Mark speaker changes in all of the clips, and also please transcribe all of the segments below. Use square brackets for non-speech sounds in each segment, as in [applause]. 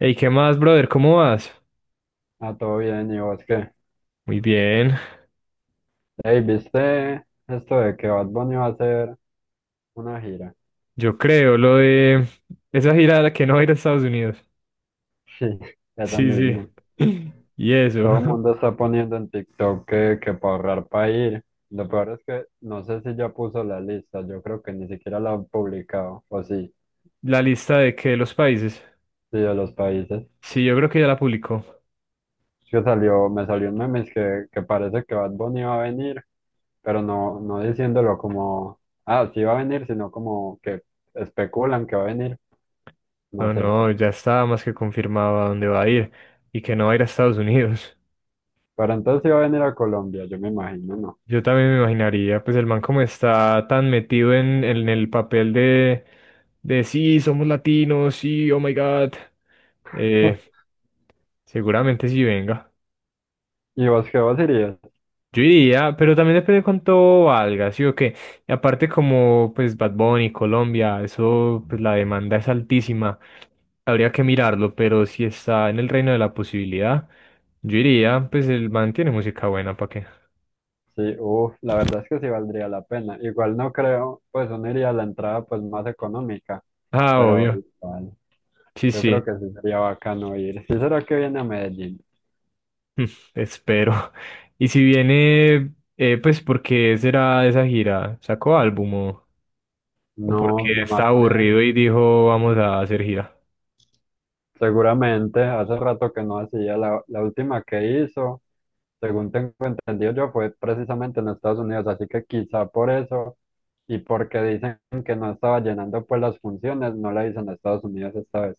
Speaker 1: Ey, ¿qué más, brother? ¿Cómo vas?
Speaker 2: Ah, todo bien, ¿y vos qué?
Speaker 1: Muy bien.
Speaker 2: Ey, ¿viste esto de que Bad Bunny va a hacer una gira? [laughs]
Speaker 1: Yo creo lo de esa gira a la que no va a ir a Estados Unidos.
Speaker 2: Sí, eso
Speaker 1: Sí,
Speaker 2: mismo.
Speaker 1: sí. [laughs] Y eso.
Speaker 2: Todo el
Speaker 1: [laughs]
Speaker 2: mundo está poniendo en TikTok que para ahorrar para ir. Lo peor es que no sé si ya puso la lista, yo creo que ni siquiera la han publicado, o sí,
Speaker 1: La lista de que los países.
Speaker 2: sí, de los países.
Speaker 1: Sí, yo creo que ya la publicó.
Speaker 2: Es que salió, me salió un meme es que parece que Bad Bunny va a venir, pero no diciéndolo como, ah, sí va a venir, sino como que especulan que va a venir,
Speaker 1: No,
Speaker 2: no sé.
Speaker 1: no, ya estaba más que confirmado a dónde va a ir y que no va a ir a Estados Unidos.
Speaker 2: Pero entonces iba a venir a Colombia, yo me imagino, ¿no?
Speaker 1: Yo también me imaginaría, pues el man como está tan metido en el papel de sí, somos latinos, sí, oh my God. Eh,
Speaker 2: [laughs]
Speaker 1: seguramente sí venga.
Speaker 2: ¿Y vos qué vos irías?
Speaker 1: Yo iría, pero también depende de cuánto valga, ¿sí o qué? Y aparte como pues Bad Bunny, Colombia, eso, pues la demanda es altísima. Habría que mirarlo, pero si está en el reino de la posibilidad, yo iría, pues el man tiene música buena, ¿para qué?
Speaker 2: Sí, uff, la verdad es que sí valdría la pena. Igual no creo, pues uno iría a la entrada pues más económica,
Speaker 1: Ah,
Speaker 2: pero
Speaker 1: obvio.
Speaker 2: igual,
Speaker 1: Sí,
Speaker 2: yo creo
Speaker 1: sí.
Speaker 2: que
Speaker 1: [laughs]
Speaker 2: sí sería bacano ir. ¿Sí será que viene a Medellín?
Speaker 1: Mm, espero. Y si viene, pues, ¿por qué será esa gira? ¿Sacó álbum o
Speaker 2: No,
Speaker 1: porque
Speaker 2: de
Speaker 1: está
Speaker 2: mate.
Speaker 1: aburrido y dijo, vamos a hacer gira?
Speaker 2: Seguramente, hace rato que no hacía. La última que hizo, según tengo entendido yo, fue precisamente en Estados Unidos, así que quizá por eso y porque dicen que no estaba llenando pues las funciones, no la hizo en Estados Unidos esta vez.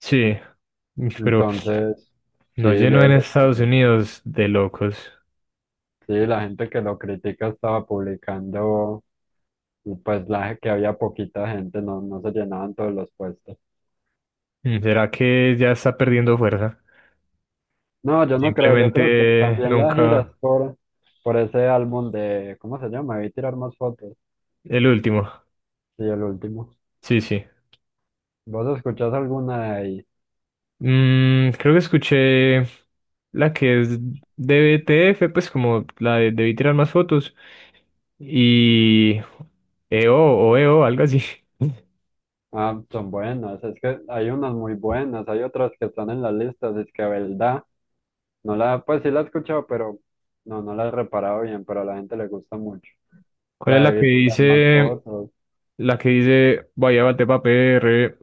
Speaker 1: Sí, pero
Speaker 2: Entonces, sí,
Speaker 1: no llenó en
Speaker 2: debe ser por
Speaker 1: Estados
Speaker 2: eso.
Speaker 1: Unidos de locos.
Speaker 2: Sí, la gente que lo critica estaba publicando, y, pues la que había poquita gente, no se llenaban todos los puestos.
Speaker 1: Mm, ¿será que ya está perdiendo fuerza?
Speaker 2: No, yo no creo, yo creo que
Speaker 1: Simplemente
Speaker 2: también la giras
Speaker 1: nunca
Speaker 2: por ese álbum de, ¿cómo se llama? Vi tirar más fotos.
Speaker 1: el último.
Speaker 2: Sí, el último.
Speaker 1: Sí, sí.
Speaker 2: ¿Vos escuchás alguna y
Speaker 1: Mm, creo que escuché la que es de BTF, pues como la de Debí tirar más fotos. Y EO o EO, algo así. [laughs]
Speaker 2: ah, son buenas? Es que hay unas muy buenas, hay otras que están en las listas, es que verdad. No la, pues sí la he escuchado, pero no la he reparado bien, pero a la gente le gusta mucho.
Speaker 1: ¿Cuál es
Speaker 2: La
Speaker 1: la
Speaker 2: de
Speaker 1: que
Speaker 2: Vi tirar más
Speaker 1: dice?
Speaker 2: fotos.
Speaker 1: La que dice, vaya, bate pa' PR.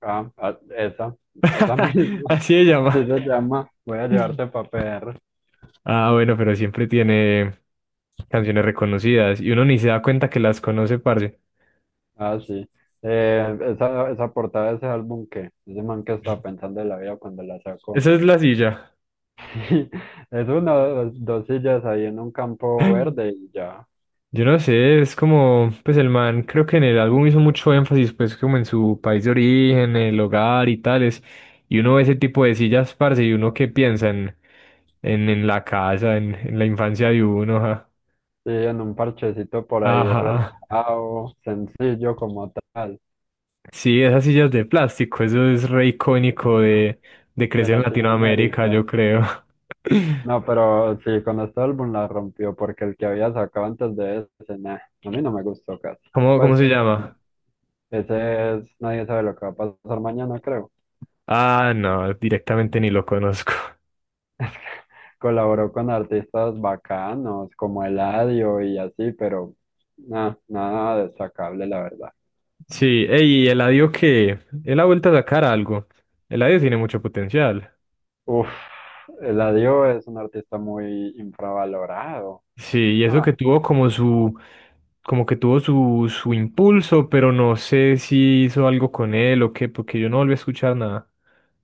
Speaker 2: Ah, ah, esa
Speaker 1: [laughs]
Speaker 2: misma.
Speaker 1: Así se
Speaker 2: [laughs]
Speaker 1: llama.
Speaker 2: Así se llama. Voy a
Speaker 1: [laughs]
Speaker 2: llevarte papel.
Speaker 1: Ah, bueno, pero siempre tiene canciones reconocidas y uno ni se da cuenta que las conoce, parce.
Speaker 2: Ah, sí. Esa, esa portada de ese álbum que ese man que estaba pensando en la vida cuando la sacó.
Speaker 1: Esa es la silla. [gasps]
Speaker 2: [laughs] Es una, dos, dos sillas ahí en un campo verde
Speaker 1: [laughs]
Speaker 2: y ya.
Speaker 1: Yo no sé, es como, pues el man creo que en el álbum hizo mucho énfasis, pues como en su país de origen, el hogar y tales. Y uno ve ese tipo de sillas, parce, y uno que piensa en la casa, en la infancia de uno. Ajá.
Speaker 2: Sí, en un parchecito por ahí
Speaker 1: Ajá.
Speaker 2: relajado, sencillo como tal,
Speaker 1: Sí, esas sillas de plástico, eso es re icónico de
Speaker 2: de
Speaker 1: crecer en Latinoamérica,
Speaker 2: Latinoamérica.
Speaker 1: yo creo. [laughs]
Speaker 2: No, pero sí, con este álbum la rompió porque el que había sacado antes de ese, nah, a mí no me gustó casi.
Speaker 1: ¿Cómo, cómo
Speaker 2: Pues
Speaker 1: se llama?
Speaker 2: ese es, nadie sabe lo que va a pasar mañana, creo.
Speaker 1: Ah, no, directamente ni lo conozco. [laughs]
Speaker 2: Colaboró con artistas bacanos como Eladio y así, pero nada, nada destacable, la verdad.
Speaker 1: Sí, ey, y Eladio que él ha vuelto a sacar algo. Eladio tiene mucho potencial.
Speaker 2: Uf, Eladio es un artista muy infravalorado.
Speaker 1: Sí, y eso
Speaker 2: Ah,
Speaker 1: que tuvo como su, como que tuvo su, su impulso, pero no sé si hizo algo con él o qué, porque yo no volví a escuchar nada.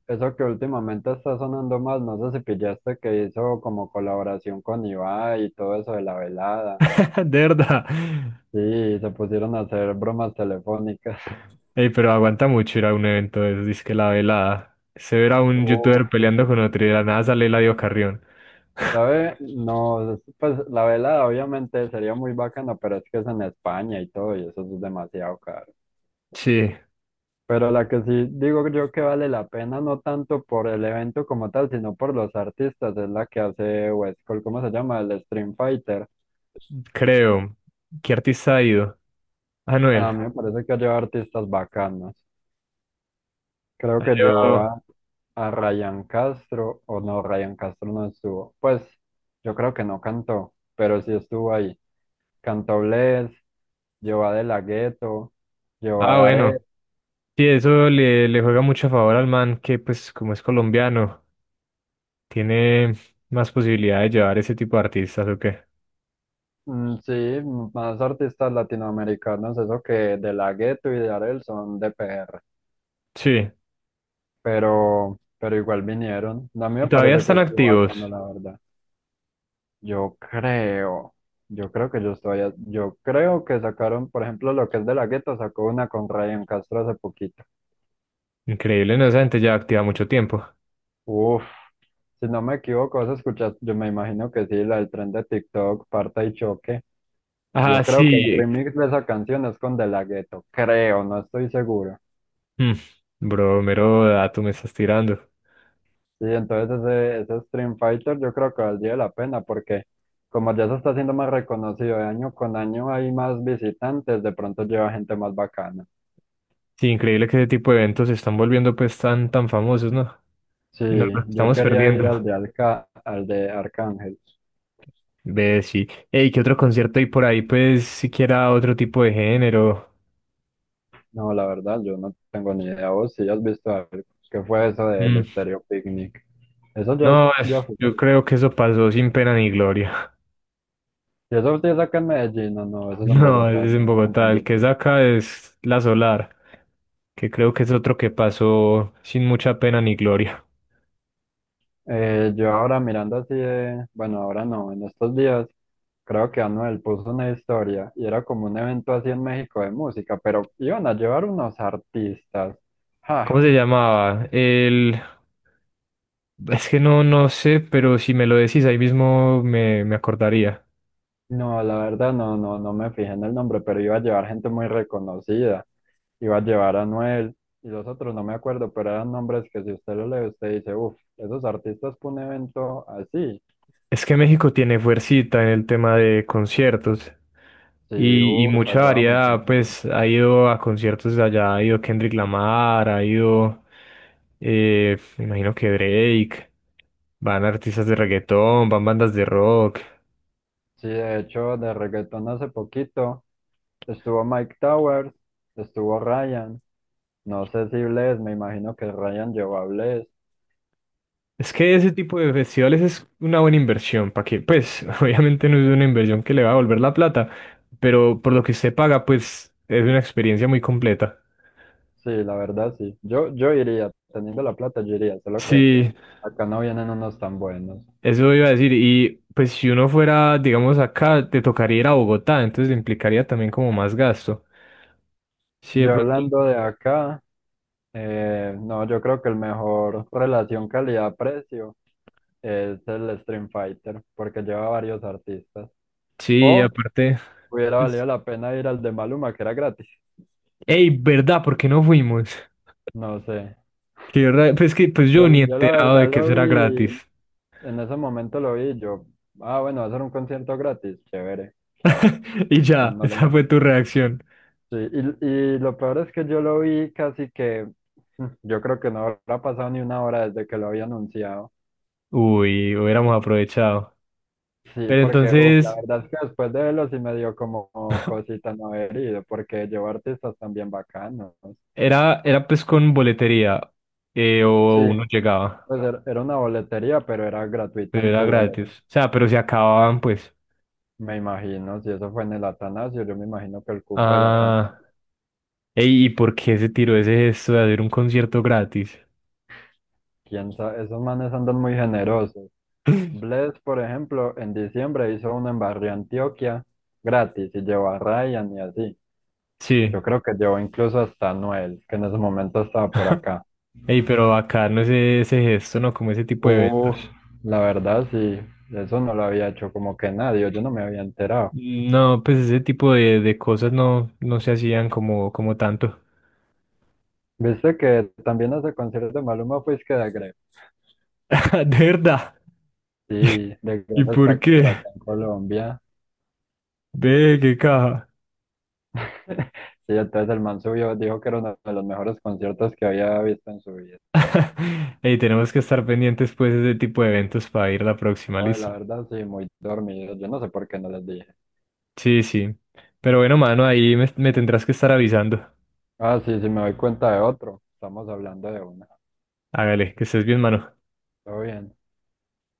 Speaker 2: eso que últimamente está sonando más, no sé si pillaste que hizo como colaboración con Ibai y todo eso de la velada.
Speaker 1: [laughs] De verdad.
Speaker 2: Sí, se pusieron a hacer bromas telefónicas.
Speaker 1: Ey, pero aguanta mucho ir a un evento de esos, dice que la velada. Se verá un youtuber
Speaker 2: Uf,
Speaker 1: peleando con otro y de la nada sale Eladio Carrión. [laughs]
Speaker 2: ¿sabe? No, pues la velada obviamente sería muy bacana, pero es que es en España y todo, y eso es demasiado caro.
Speaker 1: Sí,
Speaker 2: Pero la que sí digo yo que vale la pena, no tanto por el evento como tal, sino por los artistas, es la que hace West Cole, ¿cómo se llama? El Stream Fighter.
Speaker 1: creo. ¿Qué artista ha ido?
Speaker 2: A
Speaker 1: Anuel.
Speaker 2: mí me parece que lleva artistas bacanos. Creo que llevó
Speaker 1: Yo...
Speaker 2: a Ryan Castro, o no, Ryan Castro no estuvo. Pues yo creo que no cantó, pero sí estuvo ahí. Cantó Bless, llevó a De La Ghetto, llevó a
Speaker 1: Ah,
Speaker 2: Daré.
Speaker 1: bueno. Sí, eso le, le juega mucho a favor al man que, pues, como es colombiano, tiene más posibilidad de llevar ese tipo de artistas, ¿o qué?
Speaker 2: Mm, sí, más artistas latinoamericanos, eso que De La Ghetto y Daré son de PR.
Speaker 1: Sí.
Speaker 2: Pero igual vinieron. A mí
Speaker 1: Y
Speaker 2: me
Speaker 1: todavía
Speaker 2: parece que
Speaker 1: están
Speaker 2: estuvo bacano,
Speaker 1: activos.
Speaker 2: la verdad. Yo creo, yo creo que yo estoy, yo creo que sacaron, por ejemplo, lo que es de la gueto, sacó una con Ryan Castro hace poquito.
Speaker 1: Increíble, ¿no? Esa gente ya activa mucho tiempo.
Speaker 2: Uf, si no me equivoco, vas a escuchar, yo me imagino que sí, la del tren de TikTok, Parta y Choque.
Speaker 1: Ah,
Speaker 2: Yo creo que el
Speaker 1: sí.
Speaker 2: remix de esa canción es con De La Ghetto, creo, no estoy seguro.
Speaker 1: Mm, bro, mero dato me estás tirando.
Speaker 2: Sí, entonces ese Stream Fighter yo creo que valdría la pena porque como ya se está haciendo más reconocido de año con año hay más visitantes, de pronto lleva gente más bacana.
Speaker 1: Sí, increíble que ese tipo de eventos se están volviendo, pues, tan, tan famosos, ¿no?
Speaker 2: Sí,
Speaker 1: Y nos los
Speaker 2: yo
Speaker 1: estamos
Speaker 2: quería ir al
Speaker 1: perdiendo.
Speaker 2: de Alca, al de Arcángel.
Speaker 1: Ve, sí. Ey, ¿qué otro concierto hay por ahí? Pues, siquiera otro tipo de género.
Speaker 2: No, la verdad, yo no tengo ni idea. Vos si has visto algo. ¿Qué fue eso
Speaker 1: Mm,
Speaker 2: del Stereo Picnic? Eso ya,
Speaker 1: no,
Speaker 2: ya
Speaker 1: es-
Speaker 2: fue.
Speaker 1: yo creo que eso pasó sin pena ni gloria.
Speaker 2: Y eso sí es acá en Medellín, no, no,
Speaker 1: [laughs]
Speaker 2: eso es en
Speaker 1: No,
Speaker 2: Bogotá,
Speaker 1: es
Speaker 2: me
Speaker 1: en
Speaker 2: estoy
Speaker 1: Bogotá. El
Speaker 2: confundiendo.
Speaker 1: que es acá es la Solar, que creo que es otro que pasó sin mucha pena ni gloria.
Speaker 2: Yo ahora mirando así de, bueno, ahora no, en estos días creo que Anuel puso una historia y era como un evento así en México de música, pero iban a llevar unos artistas. Ja,
Speaker 1: ¿Cómo se llamaba? El... Es que no, no sé, pero si me lo decís ahí mismo me, me acordaría.
Speaker 2: no, la verdad no me fijé en el nombre, pero iba a llevar gente muy reconocida. Iba a llevar a Anuel y los otros no me acuerdo, pero eran nombres que si usted lo lee, usted dice, uff, esos artistas para un evento así.
Speaker 1: Es que México tiene fuercita en el tema de conciertos
Speaker 2: Sí,
Speaker 1: y
Speaker 2: uff,
Speaker 1: mucha
Speaker 2: allá va mucha
Speaker 1: variedad,
Speaker 2: gente.
Speaker 1: pues ha ido a conciertos de allá, ha ido Kendrick Lamar, ha ido, me imagino que Drake, van artistas de reggaetón, van bandas de rock.
Speaker 2: Sí, de hecho, de reggaetón hace poquito estuvo Mike Towers, estuvo Ryan. No sé si Blaze, me imagino que Ryan llevó a Blaze.
Speaker 1: Es que ese tipo de festivales es una buena inversión, ¿para que pues [laughs] obviamente no es una inversión que le va a volver la plata, pero por lo que usted paga, pues es una experiencia muy completa.
Speaker 2: Sí, la verdad sí. Yo iría, teniendo la plata, yo iría, solo que
Speaker 1: Sí,
Speaker 2: acá no vienen unos tan buenos.
Speaker 1: eso iba a decir, y pues si uno fuera, digamos, acá, te tocaría ir a Bogotá, entonces implicaría también como más gasto. Sí, de
Speaker 2: Yo
Speaker 1: pronto.
Speaker 2: hablando de acá, no, yo creo que el mejor relación calidad-precio es el Stream Fighter, porque lleva varios artistas.
Speaker 1: Sí,
Speaker 2: O
Speaker 1: aparte.
Speaker 2: hubiera valido
Speaker 1: Pues,
Speaker 2: la pena ir al de Maluma, que era gratis.
Speaker 1: ey, ¿verdad? ¿Por qué no fuimos? [laughs]
Speaker 2: No sé.
Speaker 1: Qué ra- pues que pues yo
Speaker 2: Yo,
Speaker 1: ni
Speaker 2: yo la
Speaker 1: enterado de
Speaker 2: verdad
Speaker 1: que
Speaker 2: lo
Speaker 1: eso era gratis.
Speaker 2: vi, en ese momento lo vi, y yo, ah, bueno, va a ser un concierto gratis, chévere, chao.
Speaker 1: [laughs] Y
Speaker 2: No,
Speaker 1: ya,
Speaker 2: no
Speaker 1: esa
Speaker 2: le...
Speaker 1: fue tu reacción.
Speaker 2: Sí, y lo peor es que yo lo vi casi que, [laughs] yo creo que no habrá pasado ni una hora desde que lo había anunciado.
Speaker 1: Uy, hubiéramos aprovechado.
Speaker 2: Sí,
Speaker 1: Pero
Speaker 2: porque uf, la
Speaker 1: entonces,
Speaker 2: verdad es que después de verlo sí me dio como cosita no haber ido, porque llevo artistas también bacanos.
Speaker 1: era, era pues con boletería,
Speaker 2: Sí,
Speaker 1: o uno llegaba,
Speaker 2: pues era una boletería, pero era gratuita
Speaker 1: pero
Speaker 2: en
Speaker 1: era
Speaker 2: tu boleto,
Speaker 1: gratis. O sea, pero se acababan pues.
Speaker 2: me imagino. Si eso fue en el Atanasio, yo me imagino que el cupo del Atanasio,
Speaker 1: Ah. Ey, ¿y por qué se tiró ese gesto de hacer un concierto gratis?
Speaker 2: quién sabe, esos manes andan muy generosos. Bless, por ejemplo, en diciembre hizo una en Barrio Antioquia gratis y llevó a Ryan y así.
Speaker 1: Sí.
Speaker 2: Yo creo que llevó incluso hasta a Noel, que en ese momento estaba por acá.
Speaker 1: Ey, pero acá no es ese gesto, ¿no? Como ese tipo de
Speaker 2: Uf,
Speaker 1: eventos.
Speaker 2: la verdad sí, eso no lo había hecho como que nadie, yo no me había enterado.
Speaker 1: No, pues ese tipo de cosas no, no se hacían como, como tanto.
Speaker 2: ¿Viste que también hace conciertos de Maluma fuiste que de Gref?
Speaker 1: [laughs] De verdad.
Speaker 2: Sí, de
Speaker 1: ¿Y
Speaker 2: Gref
Speaker 1: por
Speaker 2: está
Speaker 1: qué?
Speaker 2: por acá en Colombia.
Speaker 1: Ve, qué caja.
Speaker 2: [laughs] Sí, entonces el man subió, dijo que era uno de los mejores conciertos que había visto en su vida.
Speaker 1: [laughs] Ey, tenemos que estar pendientes pues de ese tipo de eventos para ir la próxima,
Speaker 2: Oye, la
Speaker 1: ¿listo?
Speaker 2: verdad sí, muy dormido, yo no sé por qué no les dije.
Speaker 1: Sí, sí. Pero bueno, mano, ahí me, me tendrás que estar avisando.
Speaker 2: Ah, sí, si me doy cuenta de otro. Estamos hablando de una.
Speaker 1: Hágale, que estés bien, mano.
Speaker 2: Todo bien.